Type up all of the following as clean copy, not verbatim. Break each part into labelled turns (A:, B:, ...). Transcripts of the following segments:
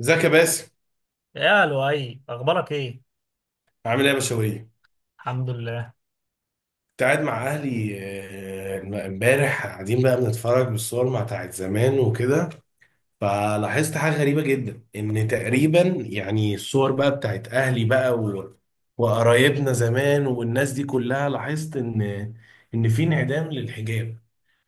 A: ازيك يا باسم؟
B: يا لؤي اخبارك ايه؟
A: عامل ايه يا بشوية؟
B: الحمد لله.
A: كنت قاعد مع اهلي. امبارح قاعدين بقى بنتفرج بالصور مع بتاعت زمان وكده. فلاحظت حاجة غريبة جدا ان تقريبا يعني الصور بقى بتاعت اهلي بقى وقرايبنا زمان والناس دي كلها. لاحظت ان في انعدام للحجاب،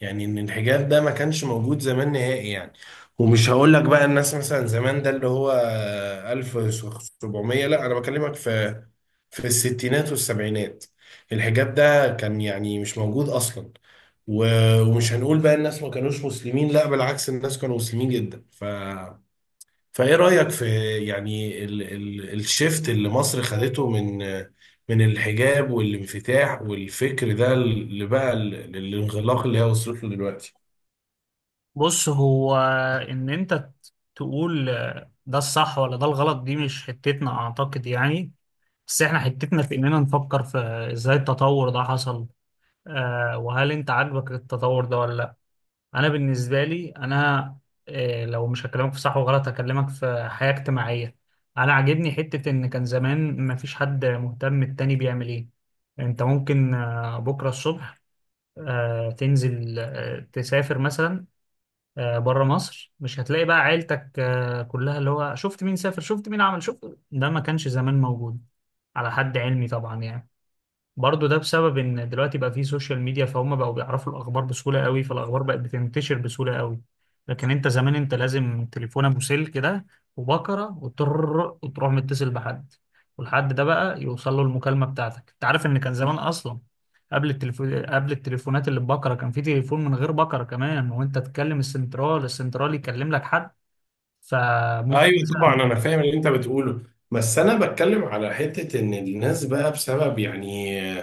A: يعني ان الحجاب ده ما كانش موجود زمان نهائي يعني. ومش هقول لك بقى الناس مثلا زمان ده اللي هو 1700، لا انا بكلمك في الـ60ات والسبعينات. الحجاب ده كان يعني مش موجود اصلا، ومش هنقول بقى الناس ما كانوش مسلمين، لا بالعكس الناس كانوا مسلمين جدا. فايه رأيك في يعني ال ال الشيفت اللي مصر خدته من الحجاب والانفتاح والفكر ده اللي بقى الانغلاق اللي هي وصلت له دلوقتي؟
B: بص، هو ان انت تقول ده الصح ولا ده الغلط دي مش حتتنا اعتقد يعني. بس احنا حتتنا في اننا نفكر في ازاي التطور ده حصل. آه، وهل انت عاجبك التطور ده ولا لا؟ انا بالنسبه لي انا، لو مش هكلمك في صح وغلط هكلمك في حياه اجتماعيه. انا عاجبني حته ان كان زمان مفيش حد مهتم التاني بيعمل ايه. انت ممكن بكره الصبح تنزل، تسافر مثلا بره مصر، مش هتلاقي بقى عيلتك كلها اللي هو شفت مين سافر شفت مين عمل شفت. ده ما كانش زمان موجود، على حد علمي طبعا يعني. برضه ده بسبب ان دلوقتي بقى فيه سوشيال ميديا، فهم بقوا بيعرفوا الاخبار بسهوله قوي، فالاخبار بقت بتنتشر بسهوله قوي. لكن انت زمان انت لازم تليفون ابو سلك كده وبكره وتر، وتروح متصل بحد، والحد ده بقى يوصل له المكالمه بتاعتك. انت عارف ان كان زمان اصلا قبل التليفون، قبل التليفونات اللي ببكره، كان في تليفون من غير بكره كمان، وانت تكلم السنترال، السنترال يكلم لك حد. فممكن
A: ايوه طبعا
B: مثلا
A: انا فاهم اللي انت بتقوله. بس انا بتكلم على حتة ان الناس بقى بسبب يعني،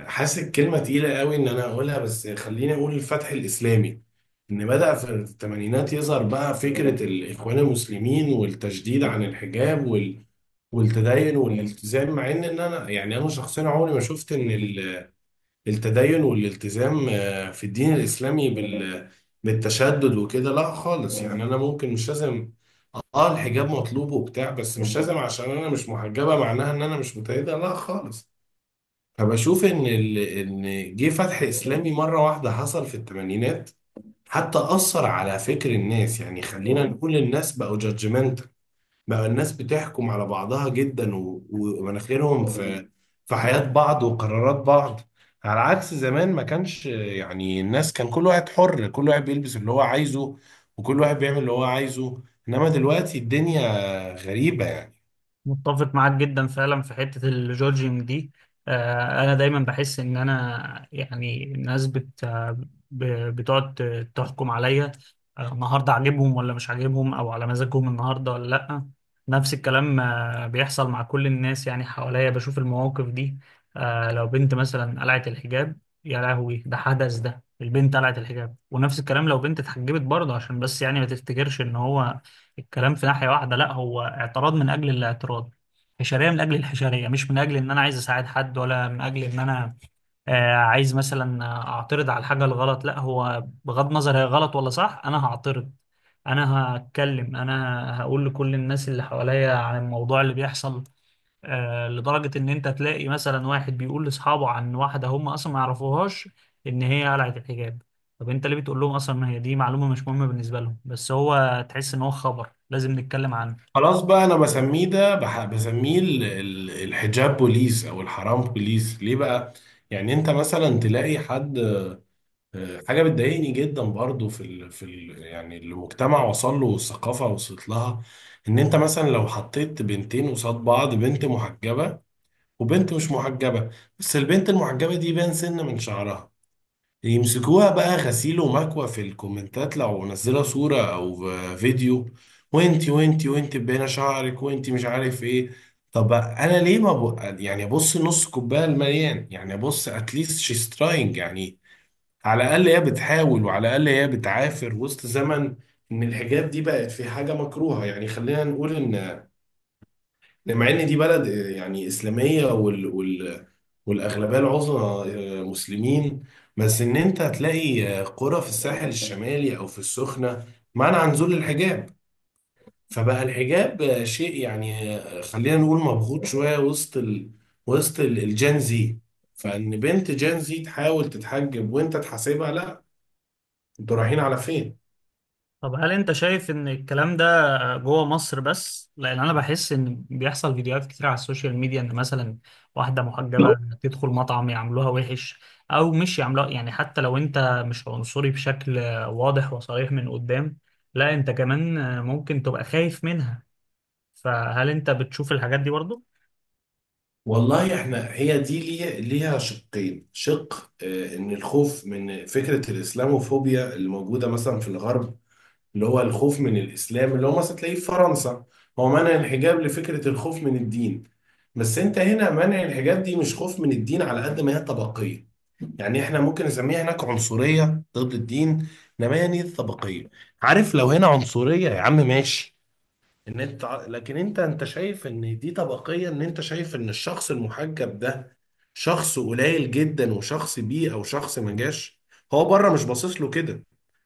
A: حاسس كلمة تقيلة قوي ان انا اقولها، بس خليني اقول الفتح الاسلامي، ان بدأ في الثمانينات يظهر بقى فكرة الاخوان المسلمين والتشديد عن الحجاب والتدين والالتزام. مع ان انا يعني انا شخصيا عمري ما شفت ان التدين والالتزام في الدين الاسلامي بالتشدد وكده، لا خالص يعني. انا ممكن مش لازم، اه الحجاب مطلوب وبتاع، بس مش لازم عشان انا مش محجبه معناها ان انا مش متأيده، لا خالص. فبشوف ان ان جه فتح اسلامي مره واحده حصل في الثمانينات، حتى اثر على فكر الناس. يعني خلينا نقول الناس بقوا جادجمنت، بقى الناس بتحكم على بعضها جدا، ومناخيرهم في حياة بعض وقرارات بعض، على عكس زمان ما كانش يعني. الناس كان كل واحد حر، كل واحد بيلبس اللي هو عايزه، وكل واحد بيعمل اللي هو عايزه. انما دلوقتي الدنيا غريبة يعني.
B: متفق معاك جدا فعلا في حتة الجورجينج دي. أنا دايما بحس إن أنا يعني الناس ب- بتقعد تحكم عليا، النهاردة عاجبهم ولا مش عاجبهم، أو على مزاجهم النهاردة ولا لأ. نفس الكلام بيحصل مع كل الناس يعني. حواليا بشوف المواقف دي، لو بنت مثلا قلعت الحجاب، يا لهوي ده حدث، ده البنت قلعت الحجاب. ونفس الكلام لو بنت اتحجبت برضه. عشان بس يعني ما تفتكرش إن هو الكلام في ناحية واحدة، لا، هو اعتراض من أجل الاعتراض، حشرية من أجل الحشرية، مش من أجل إن أنا عايز أساعد حد، ولا من أجل إن أنا عايز مثلا أعترض على الحاجة الغلط. لا، هو بغض النظر هي غلط ولا صح، أنا هعترض، أنا هتكلم، أنا هقول لكل الناس اللي حواليا عن الموضوع اللي بيحصل. لدرجة إن أنت تلاقي مثلا واحد بيقول لأصحابه عن واحدة هم أصلا ما يعرفوهاش إن هي قلعت الحجاب. طب أنت ليه بتقول لهم أصلا؟ إن هي دي معلومة مش مهمة بالنسبة لهم، بس هو تحس إن هو خبر لازم نتكلم عنه.
A: خلاص، بقى انا بسميه ده الحجاب بوليس او الحرام بوليس. ليه بقى؟ يعني انت مثلا تلاقي حد، حاجة بتضايقني جدا برضو في يعني المجتمع وصل له والثقافة وصلت لها، ان انت مثلا لو حطيت بنتين قصاد بعض، بنت محجبة وبنت مش محجبة، بس البنت المحجبة دي باين سن من شعرها، يمسكوها بقى غسيل ومكوى في الكومنتات لو منزلة صورة او فيديو. وانتي وانتي وانتي باينة شعرك وانتي مش عارف ايه. طب انا ليه ما ب... يعني ابص نص كوبايه المليان؟ يعني ابص، اتليست شيز تراينج يعني. على الأقل هي بتحاول، وعلى الأقل هي بتعافر وسط زمن إن الحجاب دي بقت في حاجة مكروهة. يعني خلينا نقول إن مع إن دي بلد يعني إسلامية والأغلبية العظمى مسلمين. بس إن أنت هتلاقي قرى في الساحل الشمالي أو في السخنة منع عن نزول الحجاب. فبقى الحجاب شيء يعني، خلينا نقول مبغوط شوية وسط الجنزي. فإن بنت جنزي تحاول تتحجب وأنت تحاسبها، لا، انتوا رايحين على فين؟
B: طب هل انت شايف ان الكلام ده جوه مصر بس؟ لان انا بحس ان بيحصل فيديوهات كتير على السوشيال ميديا، ان مثلا واحده محجبه تدخل مطعم يعملوها وحش، او مش يعملوها يعني. حتى لو انت مش عنصري بشكل واضح وصريح من قدام، لا انت كمان ممكن تبقى خايف منها. فهل انت بتشوف الحاجات دي برضو؟
A: والله احنا هي دي ليها شقين. شق ان الخوف من فكرة الاسلاموفوبيا اللي موجودة مثلا في الغرب، اللي هو الخوف من الاسلام اللي هو مثلا تلاقيه في فرنسا، هو منع الحجاب لفكرة الخوف من الدين. بس انت هنا منع الحجاب دي مش خوف من الدين على قد ما هي طبقية. يعني احنا ممكن نسميها هناك عنصرية ضد الدين، انما هي دي طبقية. عارف، لو هنا عنصرية يا عم ماشي، لكن انت شايف ان دي طبقية، ان انت شايف ان الشخص المحجب ده شخص قليل جدا وشخص بيه او شخص ما جاش. هو بره مش باصص له كده،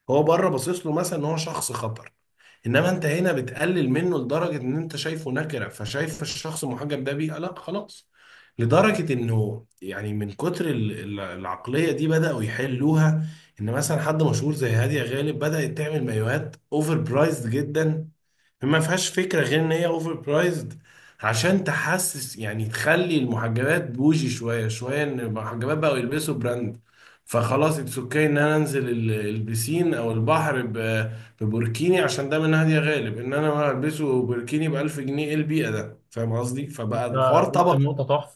A: هو بره باصص له مثلا ان هو شخص خطر. انما انت هنا بتقلل منه لدرجة ان انت شايفه نكرة، فشايف الشخص المحجب ده بيه، لا خلاص. لدرجة انه يعني من كتر العقلية دي بدأوا يحلوها، ان مثلا حد مشهور زي هادية غالب بدأت تعمل مايوهات اوفر برايزد جدا، ما فيهاش فكرة غير ان هي اوفر برايزد، عشان تحسس يعني تخلي المحجبات بوجي شوية شوية ان المحجبات بقوا يلبسوا براند. فخلاص اتس اوكي ان انا انزل البسين او البحر ببوركيني عشان ده منهج يا غالب، ان انا البسه بوركيني ب 1000 جنيه، ايه البيئة ده؟ فاهم قصدي؟ فبقى
B: انت
A: الحوار
B: قلت
A: طبقي.
B: نقطه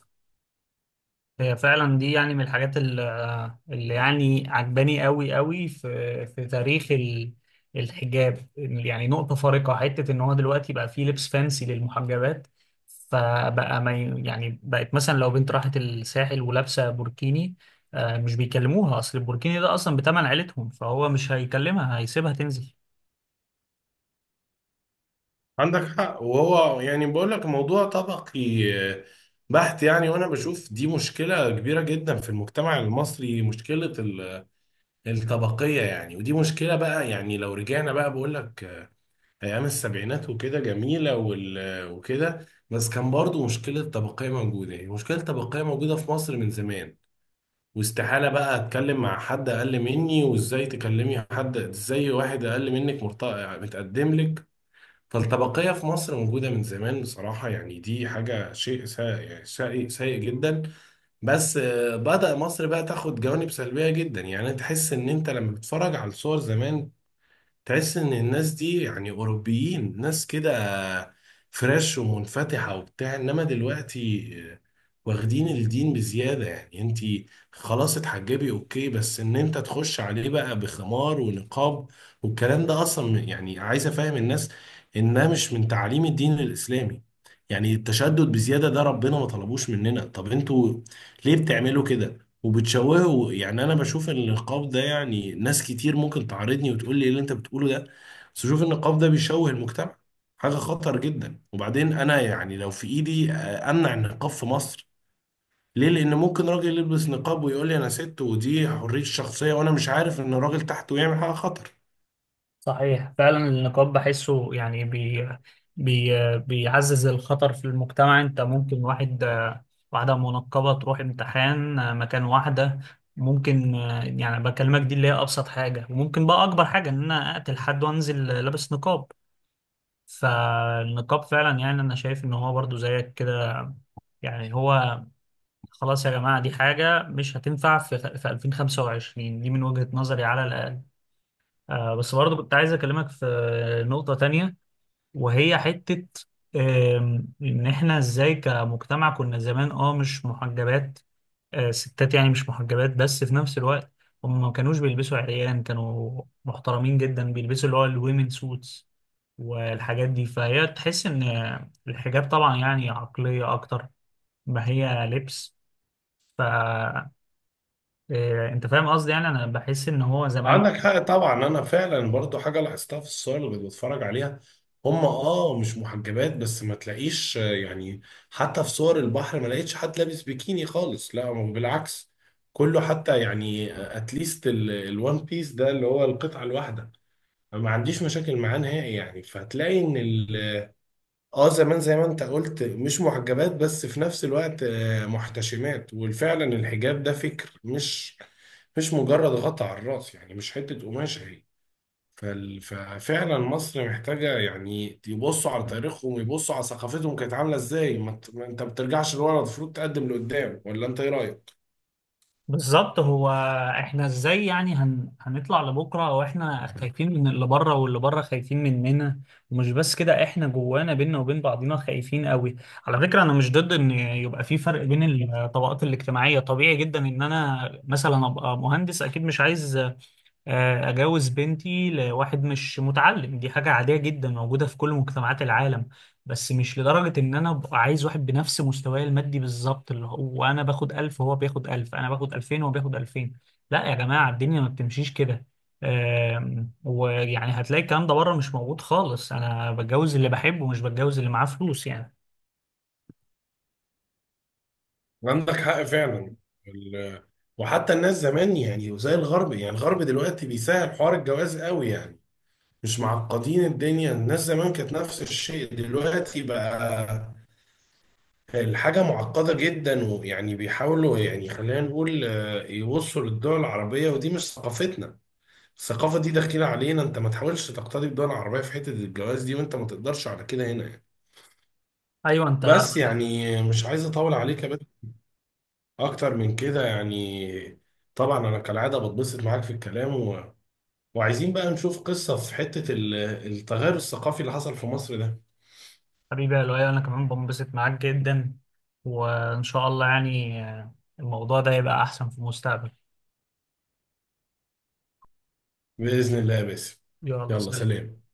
B: هي فعلا دي يعني من الحاجات اللي يعني عجباني قوي قوي في تاريخ الحجاب، يعني نقطة فارقة. حتة ان هو دلوقتي بقى فيه لبس فانسي للمحجبات، فبقى ما ي- يعني بقت مثلا لو بنت راحت الساحل ولابسة بوركيني، مش بيكلموها، اصل البوركيني ده اصلا بتمن عيلتهم، فهو مش هيكلمها، هيسيبها تنزل.
A: عندك حق. وهو يعني بقول لك موضوع طبقي بحت يعني. وانا بشوف دي مشكلة كبيرة جدا في المجتمع المصري، مشكلة الطبقية يعني. ودي مشكلة بقى. يعني لو رجعنا بقى بقول لك أيام السبعينات وكده جميلة وكده، بس كان برضو مشكلة الطبقية موجودة. يعني مشكلة الطبقية موجودة في مصر من زمان. واستحالة بقى أتكلم مع حد أقل مني، وإزاي تكلمي حد، إزاي واحد أقل منك يعني متقدم لك. فالطبقية في مصر موجودة من زمان بصراحة. يعني دي حاجة شيء سيء يعني، سيء سيء جدا. بس بدأ مصر بقى تاخد جوانب سلبية جدا. يعني تحس ان انت لما بتتفرج على الصور زمان، تحس ان الناس دي يعني اوروبيين، ناس كده فريش ومنفتحه وبتاع. انما دلوقتي واخدين الدين بزياده. يعني انت خلاص اتحجبي، اوكي، بس ان انت تخش عليه بقى بخمار ونقاب والكلام ده، اصلا يعني عايز افهم الناس انها مش من تعليم الدين الاسلامي. يعني التشدد بزياده ده ربنا ما طلبوش مننا، طب انتوا ليه بتعملوا كده وبتشوهه؟ يعني انا بشوف ان النقاب ده، يعني ناس كتير ممكن تعارضني وتقول لي ايه اللي انت بتقوله ده، بس بشوف إن النقاب ده بيشوه المجتمع، حاجة خطر جدا. وبعدين انا يعني لو في ايدي امنع النقاب في مصر. ليه؟ لان ممكن راجل يلبس نقاب ويقول لي انا ست، ودي حرية الشخصية، وانا مش عارف ان الراجل تحته يعمل حاجة خطر.
B: صحيح، فعلا النقاب بحسه يعني بي بي بيعزز الخطر في المجتمع. انت ممكن واحدة منقبة تروح امتحان مكان واحدة ممكن، يعني بكلمك دي اللي هي أبسط حاجة، وممكن بقى أكبر حاجة إن أنا أقتل حد وأنزل لابس نقاب. فالنقاب فعلا يعني أنا شايف إن هو برضو زيك كده، يعني هو خلاص يا جماعة دي حاجة مش هتنفع في 2025، دي من وجهة نظري على الأقل. بس برضو كنت عايز أكلمك في نقطة تانية، وهي حتة إن إحنا إزاي كمجتمع كنا زمان. أه، مش محجبات، ستات يعني مش محجبات، بس في نفس الوقت هم ما كانوش بيلبسوا عريان، كانوا محترمين جدا، بيلبسوا اللي هو الويمن سوتس والحاجات دي. فهي تحس إن الحجاب طبعا يعني عقلية أكتر ما هي لبس. ف آه، أنت فاهم قصدي، يعني أنا بحس إن هو زمان
A: عندك حق طبعا. انا فعلا برضو حاجه لاحظتها في الصور اللي كنت بتفرج عليها، هم اه مش محجبات، بس ما تلاقيش يعني، حتى في صور البحر ما لقيتش حد لابس بيكيني خالص، لا هو بالعكس كله، حتى يعني اتليست الوان بيس ده اللي هو القطعه الواحده، ما عنديش مشاكل معاه نهائي يعني. فهتلاقي ان ال اه زمان زي ما انت قلت مش محجبات، بس في نفس الوقت محتشمات. وفعلا الحجاب ده فكر، مش مجرد غطا على الراس، يعني مش حتة قماشة هي. ففعلا مصر محتاجة، يعني يبصوا على تاريخهم ويبصوا على ثقافتهم كانت عاملة ازاي. ما انت ما بترجعش لورا، المفروض تقدم لقدام. ولا انت ايه رأيك؟
B: بالظبط. هو احنا ازاي يعني هنطلع لبكره واحنا خايفين من اللي بره واللي بره خايفين مننا؟ ومش بس كده، احنا جوانا بينا وبين بعضينا خايفين قوي. على فكره انا مش ضد ان يبقى في فرق بين الطبقات الاجتماعيه، طبيعي جدا ان انا مثلا ابقى مهندس اكيد مش عايز أجوز بنتي لواحد مش متعلم، دي حاجة عادية جدا موجودة في كل مجتمعات العالم. بس مش لدرجة إن أنا أبقى عايز واحد بنفس مستواي المادي بالظبط، اللي هو أنا باخد 1000 وهو بياخد 1000، أنا باخد 2000 وهو بياخد 2000. لا يا جماعة الدنيا ما بتمشيش كده. ويعني هتلاقي الكلام ده بره مش موجود خالص، أنا بتجوز اللي بحبه مش بتجوز اللي معاه فلوس يعني.
A: عندك حق فعلا. ال- وحتى الناس زمان، يعني وزي الغرب يعني. الغرب دلوقتي بيسهل حوار الجواز قوي يعني، مش معقدين الدنيا، الناس زمان كانت نفس الشيء. دلوقتي بقى الحاجة معقدة جدا، ويعني بيحاولوا يعني خلينا نقول يبصوا للدول العربية، ودي مش ثقافتنا. الثقافة دي داخلة علينا، انت ما تحاولش تقتدي بالدول العربية في حتة الجواز دي، وانت ما تقدرش على كده هنا يعني.
B: أيوه أنت،
A: بس يعني مش عايز اطول عليك يا بدر اكتر من كده يعني. طبعا انا كالعادة بتبسط معاك في الكلام وعايزين بقى نشوف قصة في حتة التغير الثقافي اللي حصل في مصر ده.
B: حبيبي يا لؤي أنا كمان بنبسط معاك جدا، وإن شاء الله يعني الموضوع ده يبقى أحسن في المستقبل.
A: بإذن الله يا باسم.
B: يلا
A: يلا
B: سلام.
A: سلام.